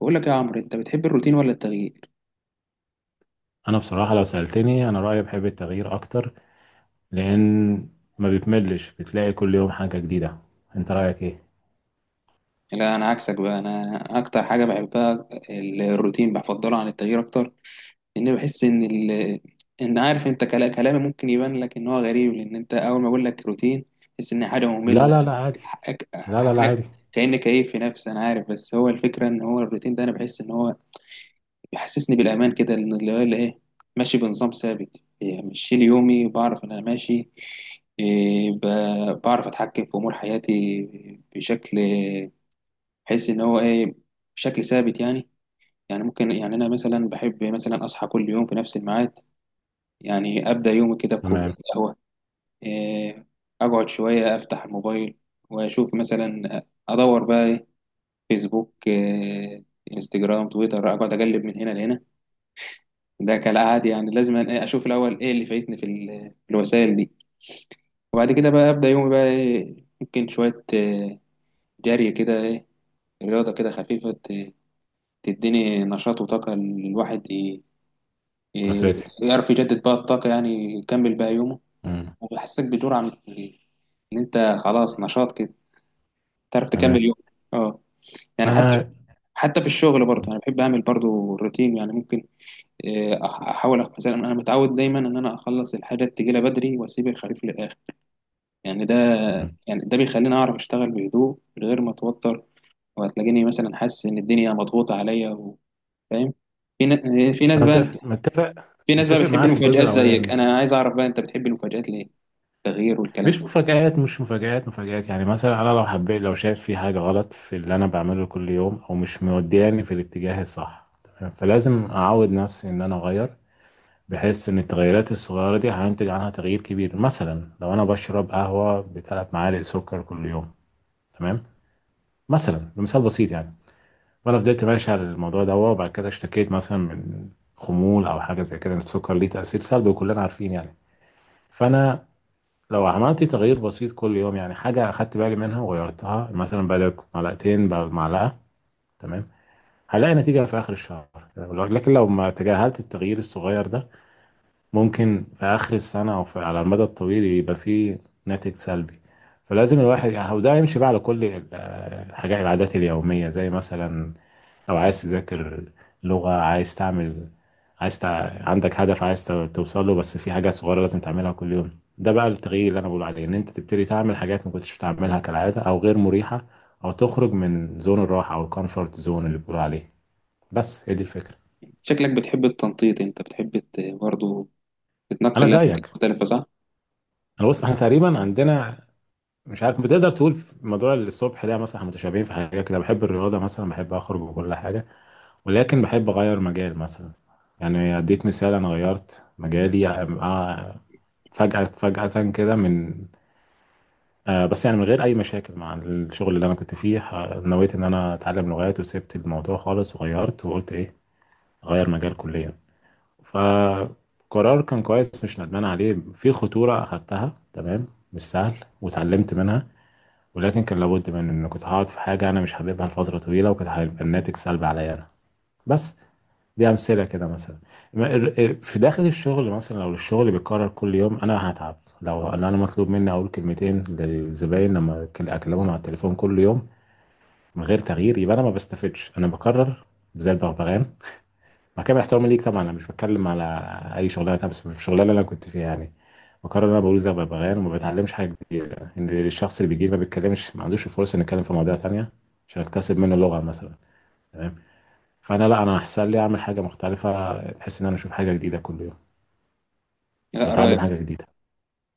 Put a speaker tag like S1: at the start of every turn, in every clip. S1: بقول لك يا عمرو، انت بتحب الروتين ولا التغيير؟
S2: انا بصراحه لو سالتني انا رايي بحب التغيير اكتر، لان ما بتملش، بتلاقي كل يوم حاجه جديده. انت رايك ايه؟
S1: لا، انا عكسك بقى. انا اكتر حاجه بحبها الروتين، بفضله عن التغيير اكتر. لان بحس ان عارف انت، كلامي ممكن يبان لك ان هو غريب، لان انت اول ما اقول لك روتين تحس ان حاجه
S2: لا
S1: ممله.
S2: لا لا، عادي.
S1: حقك-
S2: لا لا لا،
S1: انا
S2: عادي.
S1: كاني كيف في نفسي، انا عارف. بس هو الفكره ان هو الروتين ده، انا بحس ان هو بيحسسني بالأمان كده، لأن اللي هو اللي إيه، ماشي بنظام ثابت. يعني مش شيل يومي، بعرف إن أنا ماشي. إيه، بعرف أتحكم في أمور حياتي بشكل، بحيث إن هو إيه، بشكل ثابت يعني. يعني ممكن يعني أنا مثلا بحب مثلا أصحى كل يوم في نفس الميعاد. يعني أبدأ يومي كده بكوباية
S2: تمام.
S1: قهوة، إيه، أقعد شوية أفتح الموبايل وأشوف مثلا، أدور بقى إيه، فيسبوك إيه، انستجرام، تويتر، أقعد أقلب من هنا لهنا. ده كالعادي، يعني لازم أنا إيه، اشوف الاول ايه اللي فايتني في في الوسائل دي. وبعد كده بقى ابدا يومي بقى إيه، ممكن شويه جري كده إيه، رياضه كده خفيفه، تديني نشاط وطاقه. الواحد ي-
S2: اساسي.
S1: يعرف يجدد بقى الطاقه، يعني يكمل بقى يومه.
S2: مم.
S1: وبيحسسك بجرعه ان انت خلاص نشاط كده، تعرف تكمل
S2: تمام.
S1: يوم. اه، يعني حتى،
S2: انا.
S1: حتى في الشغل برضه انا بحب اعمل برضه روتين. يعني ممكن آه، احاول مثلا انا متعود دايما ان انا اخلص الحاجات تجيلي بدري، واسيب الخريف للاخر. يعني ده،
S2: مم.
S1: يعني ده بيخليني اعرف اشتغل بهدوء من غير ما اتوتر. وهتلاقيني مثلا حاسس ان الدنيا مضغوطه عليا فاهم. في في ناس
S2: انا
S1: بقى،
S2: متفق متفق
S1: في ناس بقى
S2: متفق
S1: بتحب
S2: معاه في الجزء
S1: المفاجآت زيك.
S2: الاولاني.
S1: انا عايز اعرف بقى، انت بتحب المفاجآت ليه؟ التغيير والكلام
S2: مش
S1: ده.
S2: مفاجآت مش مفاجآت مفاجآت يعني مثلا انا لو شايف في حاجه غلط في اللي انا بعمله كل يوم او مش مودياني في الاتجاه الصح، تمام، فلازم اعود نفسي ان انا اغير. بحس ان التغيرات الصغيرة دي هينتج عنها تغيير كبير. مثلا لو انا بشرب قهوة بثلاث معالق سكر كل يوم، تمام، مثلا بمثال بسيط يعني، وانا فضلت ماشي على الموضوع ده وبعد كده اشتكيت مثلا من خمول او حاجة زي كده، إن السكر ليه تأثير سلبي وكلنا عارفين يعني. فانا لو عملت تغيير بسيط كل يوم، يعني حاجة اخدت بالي منها وغيرتها، مثلا بدل معلقتين بقى معلقة، تمام، هلاقي نتيجة في آخر الشهر. لكن لو ما تجاهلت التغيير الصغير ده، ممكن في آخر السنة أو في على المدى الطويل يبقى فيه ناتج سلبي. فلازم الواحد يعني، وده يمشي بقى على كل الحاجات، العادات اليومية، زي مثلا لو عايز تذاكر لغة، عايز تعمل، عايز تع... عندك هدف عايز توصل له، بس في حاجات صغيرة لازم تعملها كل يوم. ده بقى التغيير اللي أنا بقول عليه، إن أنت تبتدي تعمل حاجات ما كنتش بتعملها كالعادة أو غير مريحة، أو تخرج من زون الراحة أو الكومفورت زون اللي بيقولوا عليه. بس هي دي الفكرة.
S1: شكلك بتحب التنطيط، انت بتحب برضه تتنقل
S2: أنا
S1: لأماكن
S2: زيك.
S1: مختلفه، صح؟
S2: انا بص، احنا تقريبا عندنا، مش عارف بتقدر تقول في موضوع الصبح ده مثلا احنا متشابهين في حاجه كده، بحب الرياضه مثلا، بحب اخرج وكل حاجه، ولكن بحب اغير مجال مثلا. يعني اديك مثال، انا غيرت مجالي فجاه فجاه كده من بس يعني من غير اي مشاكل مع الشغل اللي انا كنت فيه، نويت ان انا اتعلم لغات وسبت الموضوع خالص وغيرت وقلت ايه، غير مجال كليا. فقرار كان كويس، مش ندمان عليه. في خطوره اخدتها، تمام، مش سهل واتعلمت منها. ولكن كان لابد، من ان كنت هقعد في حاجه انا مش حاببها لفتره طويله وكانت هيبقى الناتج سلبي عليا انا. بس دي امثله كده مثلا. في داخل الشغل مثلا، لو الشغل بيتكرر كل يوم انا هتعب. لو أنا مطلوب مني اقول كلمتين للزباين لما اكلمهم على التليفون كل يوم من غير تغيير، يبقى انا ما بستفدش، انا بكرر زي البغبغان. مع كامل احترامي ليك طبعا، انا مش بتكلم على اي شغلانه تانية، بس في الشغلانه اللي انا كنت فيها يعني، بقرر ان انا بقول زي ببغان وما بتعلمش حاجه جديده. ان الشخص اللي بيجي لي ما بيتكلمش، ما عندوش الفرصه انه يتكلم في مواضيع تانية عشان اكتسب منه لغه مثلا، تمام. فانا لا، انا احسن لي اعمل حاجه مختلفه بحيث ان انا اشوف حاجه جديده كل يوم
S1: لا، رايك،
S2: واتعلم حاجه جديده.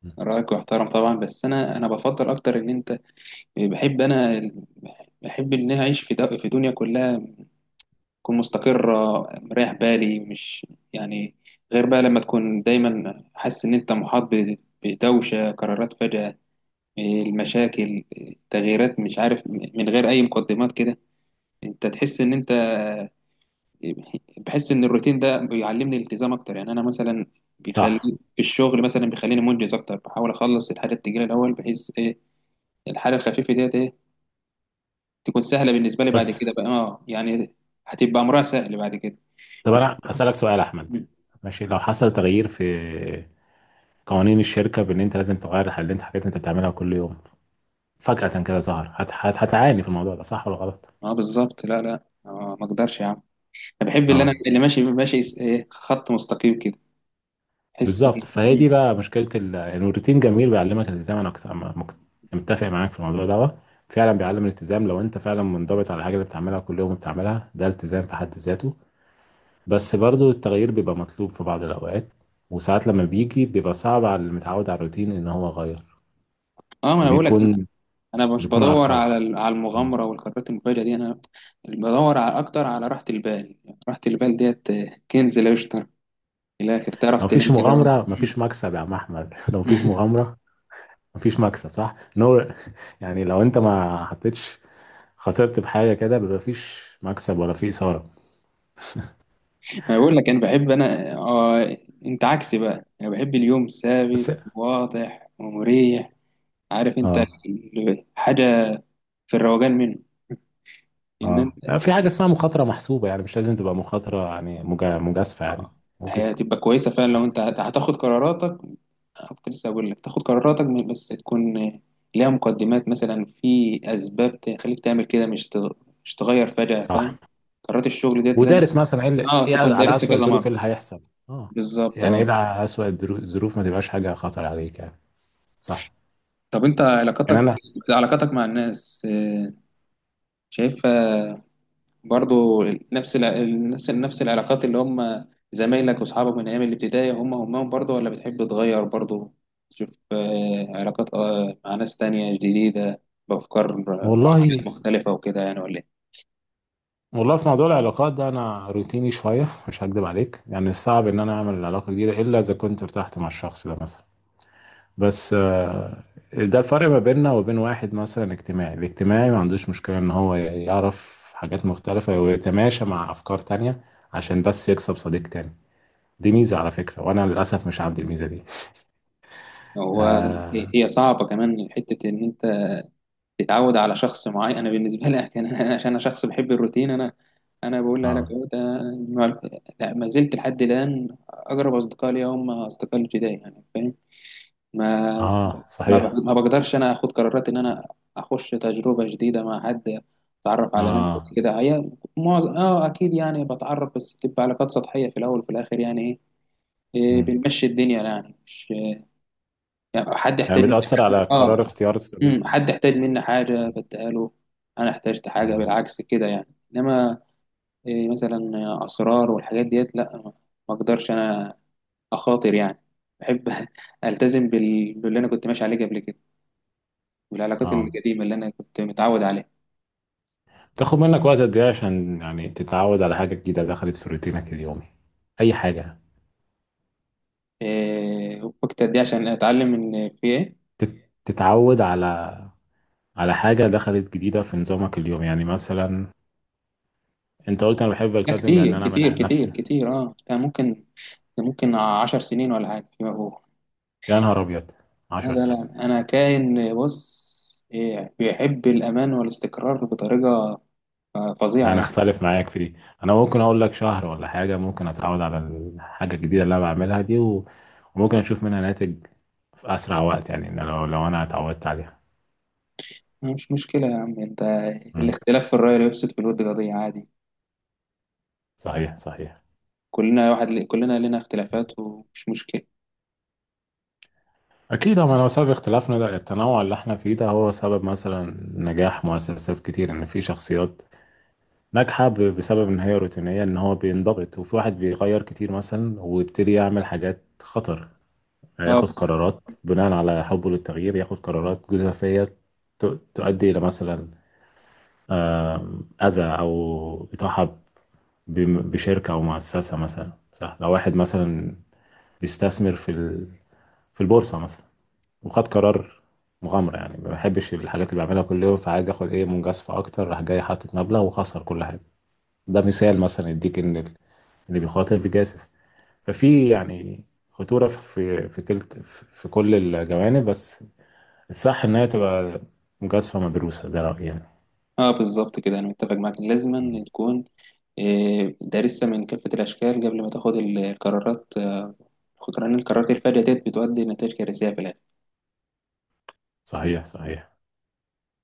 S2: م.
S1: رايك محترم طبعا. بس انا، بفضل اكتر ان انت، بحب انا، بحب ان انا اعيش في في دنيا كلها تكون مستقرة، مريح بالي. مش يعني غير بقى لما تكون دايما حاسس إن أنت محاط بدوشة قرارات فجأة، المشاكل، تغييرات مش عارف من غير أي مقدمات كده، أنت تحس إن أنت بحس إن الروتين ده بيعلمني الالتزام أكتر. يعني أنا مثلا بيخلي،
S2: صح.
S1: في الشغل مثلا بيخليني منجز أكتر، بحاول أخلص الحاجة التقيلة الأول، بحيث إيه، الحاجة الخفيفة ديت إيه، تكون سهلة بالنسبة لي. بعد
S2: بس
S1: كده بقى آه، يعني هتبقى أمرها سهل بعد كده.
S2: طب
S1: وفي
S2: انا هسالك سؤال يا احمد، ماشي؟ لو حصل تغيير في قوانين الشركه، بان انت لازم تغير الحاجات اللي انت حاجات انت بتعملها كل يوم، فجاه كده ظهر، هتعاني في الموضوع ده، صح ولا غلط؟
S1: اه، بالظبط. لا لا، اه، ما اقدرش يا عم. انا بحب
S2: اه
S1: اللي ماشي، ماشي ايه، خط مستقيم كده. احس
S2: بالظبط. فهي
S1: إن
S2: دي بقى مشكله يعني الروتين جميل، بيعلمك الالتزام. انا كنت مك- متفق معاك في الموضوع ده. فعلا بيعلم الالتزام. لو انت فعلا منضبط على الحاجه اللي بتعملها كل يوم بتعملها، ده التزام في حد ذاته. بس برضو التغيير بيبقى مطلوب في بعض الاوقات، وساعات لما بيجي بيبقى صعب على اللي متعود على الروتين ان هو يغير،
S1: اه، ما انا بقول لك انا،
S2: وبيكون
S1: أنا مش
S2: بيكون
S1: بدور
S2: عرقله.
S1: على على
S2: مم.
S1: المغامره والقرارات المفاجئه دي. انا بدور على اكتر على راحه البال. راحه البال ديت آه، كنز لا يشترى. في الاخر تعرف
S2: لو مفيش
S1: تنام كده
S2: مغامره
S1: وأنت
S2: مفيش مكسب يا عم احمد لو مفيش مغامره مفيش مكسب، صح؟ ان هو يعني لو انت ما حطيتش، خسرت بحاجه كده، بيبقى مفيش مكسب ولا في اثاره.
S1: ما بقول لك انا بحب انا آه، انت عكسي بقى. انا بحب اليوم
S2: بس
S1: ثابت، واضح ومريح. عارف انت
S2: اه.
S1: حاجه في الروقان منه، ان
S2: اه، في حاجه اسمها مخاطره محسوبه، يعني مش لازم تبقى مخاطره، يعني مجازفه يعني.
S1: آه. هي
S2: ممكن
S1: هتبقى كويسة فعلا لو
S2: تحسب.
S1: انت هتاخد قراراتك آه، كنت لسه هقول لك تاخد قراراتك بس تكون آه، ليها مقدمات، مثلا في أسباب تخليك تعمل كده، مش مش تغير فجأة،
S2: صح.
S1: فاهم؟ قرارات الشغل ديت لازم،
S2: ودارس مثلا ايه اللي،
S1: اه،
S2: ايه
S1: تكون
S2: على
S1: دارس
S2: اسوأ
S1: كذا
S2: الظروف
S1: مرة.
S2: اللي هيحصل. اه.
S1: بالظبط
S2: يعني ايه
S1: اه.
S2: اللي على اسوأ الظروف، ما تبقاش حاجه خطر عليك يعني. صح.
S1: طب انت
S2: يعني
S1: علاقاتك،
S2: انا،
S1: علاقاتك مع الناس آه، شايفها برضو نفس نفس العلاقات اللي هم زمايلك واصحابك من ايام الابتدائي، هم همهم برضو؟ ولا بتحب تغير برضو، تشوف آه، علاقات آه، مع ناس تانية جديدة بأفكار آه، وعقليات
S2: والله
S1: مختلفة وكده، يعني ولا ايه؟
S2: والله، في موضوع العلاقات ده انا روتيني شويه، مش هكدب عليك. يعني صعب ان انا اعمل علاقه جديده الا اذا كنت ارتحت مع الشخص ده مثلا. بس ده الفرق ما بيننا وبين واحد مثلا اجتماعي. الاجتماعي ما عندوش مشكله ان هو يعرف حاجات مختلفه ويتماشى مع افكار تانية عشان بس يكسب صديق تاني. دي ميزه على فكره، وانا للاسف مش عندي الميزه دي.
S1: هو
S2: اه.
S1: هي صعبة كمان حتة إن أنت تتعود على شخص معين. أنا بالنسبة لي كان أنا، عشان أنا شخص بحب الروتين، أنا أنا بقول لك
S2: اه.
S1: أنا، ما، لا، ما زلت لحد الآن أقرب أصدقاء لي هم أصدقاء الابتدائي، يعني فاهم. ما،
S2: آه صحيح.
S1: ما بقدرش انا اخد قرارات ان انا اخش تجربه جديده مع حد، اتعرف على ناس جديدة
S2: اه.
S1: كده. هي معظم اه اكيد يعني بتعرف، بس بتبقى علاقات سطحيه في الاول وفي الاخر، يعني ايه، إيه،
S2: مم.
S1: بنمشي الدنيا يعني. مش يعني حد
S2: يعني
S1: يحتاج مني
S2: بتاثر
S1: حاجه،
S2: على قرار
S1: اه،
S2: اختيار الصديق.
S1: حد يحتاج مني حاجه بديها له، انا احتاجت حاجه
S2: مم.
S1: بالعكس كده يعني. انما إيه، مثلا اسرار والحاجات ديت، لا، ما، ما اقدرش انا اخاطر يعني. بحب التزم باللي انا كنت ماشي عليه قبل كده، والعلاقات
S2: اه.
S1: القديمة اللي أنا كنت متعود عليها.
S2: تاخد منك وقت قد ايه عشان يعني تتعود على حاجة جديدة دخلت في روتينك اليومي، أي حاجة؟
S1: إيه وقت قد إيه عشان أتعلم إن في إيه؟
S2: تتعود على على حاجة دخلت جديدة في نظامك اليومي، يعني مثلا أنت قلت أنا بحب
S1: لا،
S2: ألتزم بأن
S1: كتير
S2: أنا أعمل
S1: كتير كتير
S2: نفسي.
S1: كتير أه. ده ممكن، ده ممكن 10 سنين ولا حاجة فيما فوق.
S2: يا نهار أبيض، 10
S1: هذا
S2: سنين؟
S1: لا، أنا كائن بص إيه، بيحب الأمان والاستقرار بطريقة آه،
S2: لا
S1: فظيعة
S2: أنا
S1: يعني.
S2: أختلف معاك في دي. أنا ممكن أقول لك شهر ولا حاجة ممكن أتعود على الحاجة الجديدة اللي أنا بعملها دي، وممكن أشوف منها ناتج في أسرع وقت، يعني إن لو أنا اتعودت عليها.
S1: مش مشكلة يا عم أنت،
S2: مم.
S1: الاختلاف في الرأي لا يفسد في الود قضية، عادي.
S2: صحيح صحيح.
S1: كلنا واحد، كلنا لنا اختلافات، ومش مشكلة.
S2: أكيد، هو لو سبب اختلافنا ده التنوع اللي احنا فيه ده، هو سبب مثلا نجاح مؤسسات كتير، إن في شخصيات ناجحة بسبب إن هي روتينية، إن هو بينضبط، وفي واحد بيغير كتير مثلا ويبتدي يعمل حاجات خطر، يعني
S1: اه،
S2: ياخد قرارات بناء على حبه للتغيير، ياخد قرارات جزافية ت- تؤدي إلى مثلا أذى أو إطاحة بشركة أو مؤسسة مثلا. صح، لو واحد مثلا بيستثمر في في البورصة مثلا، وخد قرار مغامرة، يعني ما بحبش الحاجات اللي بعملها كل يوم فعايز ياخد ايه، مجازفة اكتر، راح جاي حاطط مبلغ وخسر كل حاجة. ده مثال مثلا يديك ان اللي بيخاطر بيجازف، ففي يعني خطورة في في كلت في في كل الجوانب. بس الصح ان هي تبقى مجازفة مدروسة. ده رأيي يعني.
S1: اه بالظبط كده، انا متفق معاك. لازما تكون آه، دارسها من كافة الاشكال قبل ما تاخد القرارات آه، لان القرارات الفادية ديت بتؤدي لنتائج كارثية في الآخر.
S2: صحيح صحيح.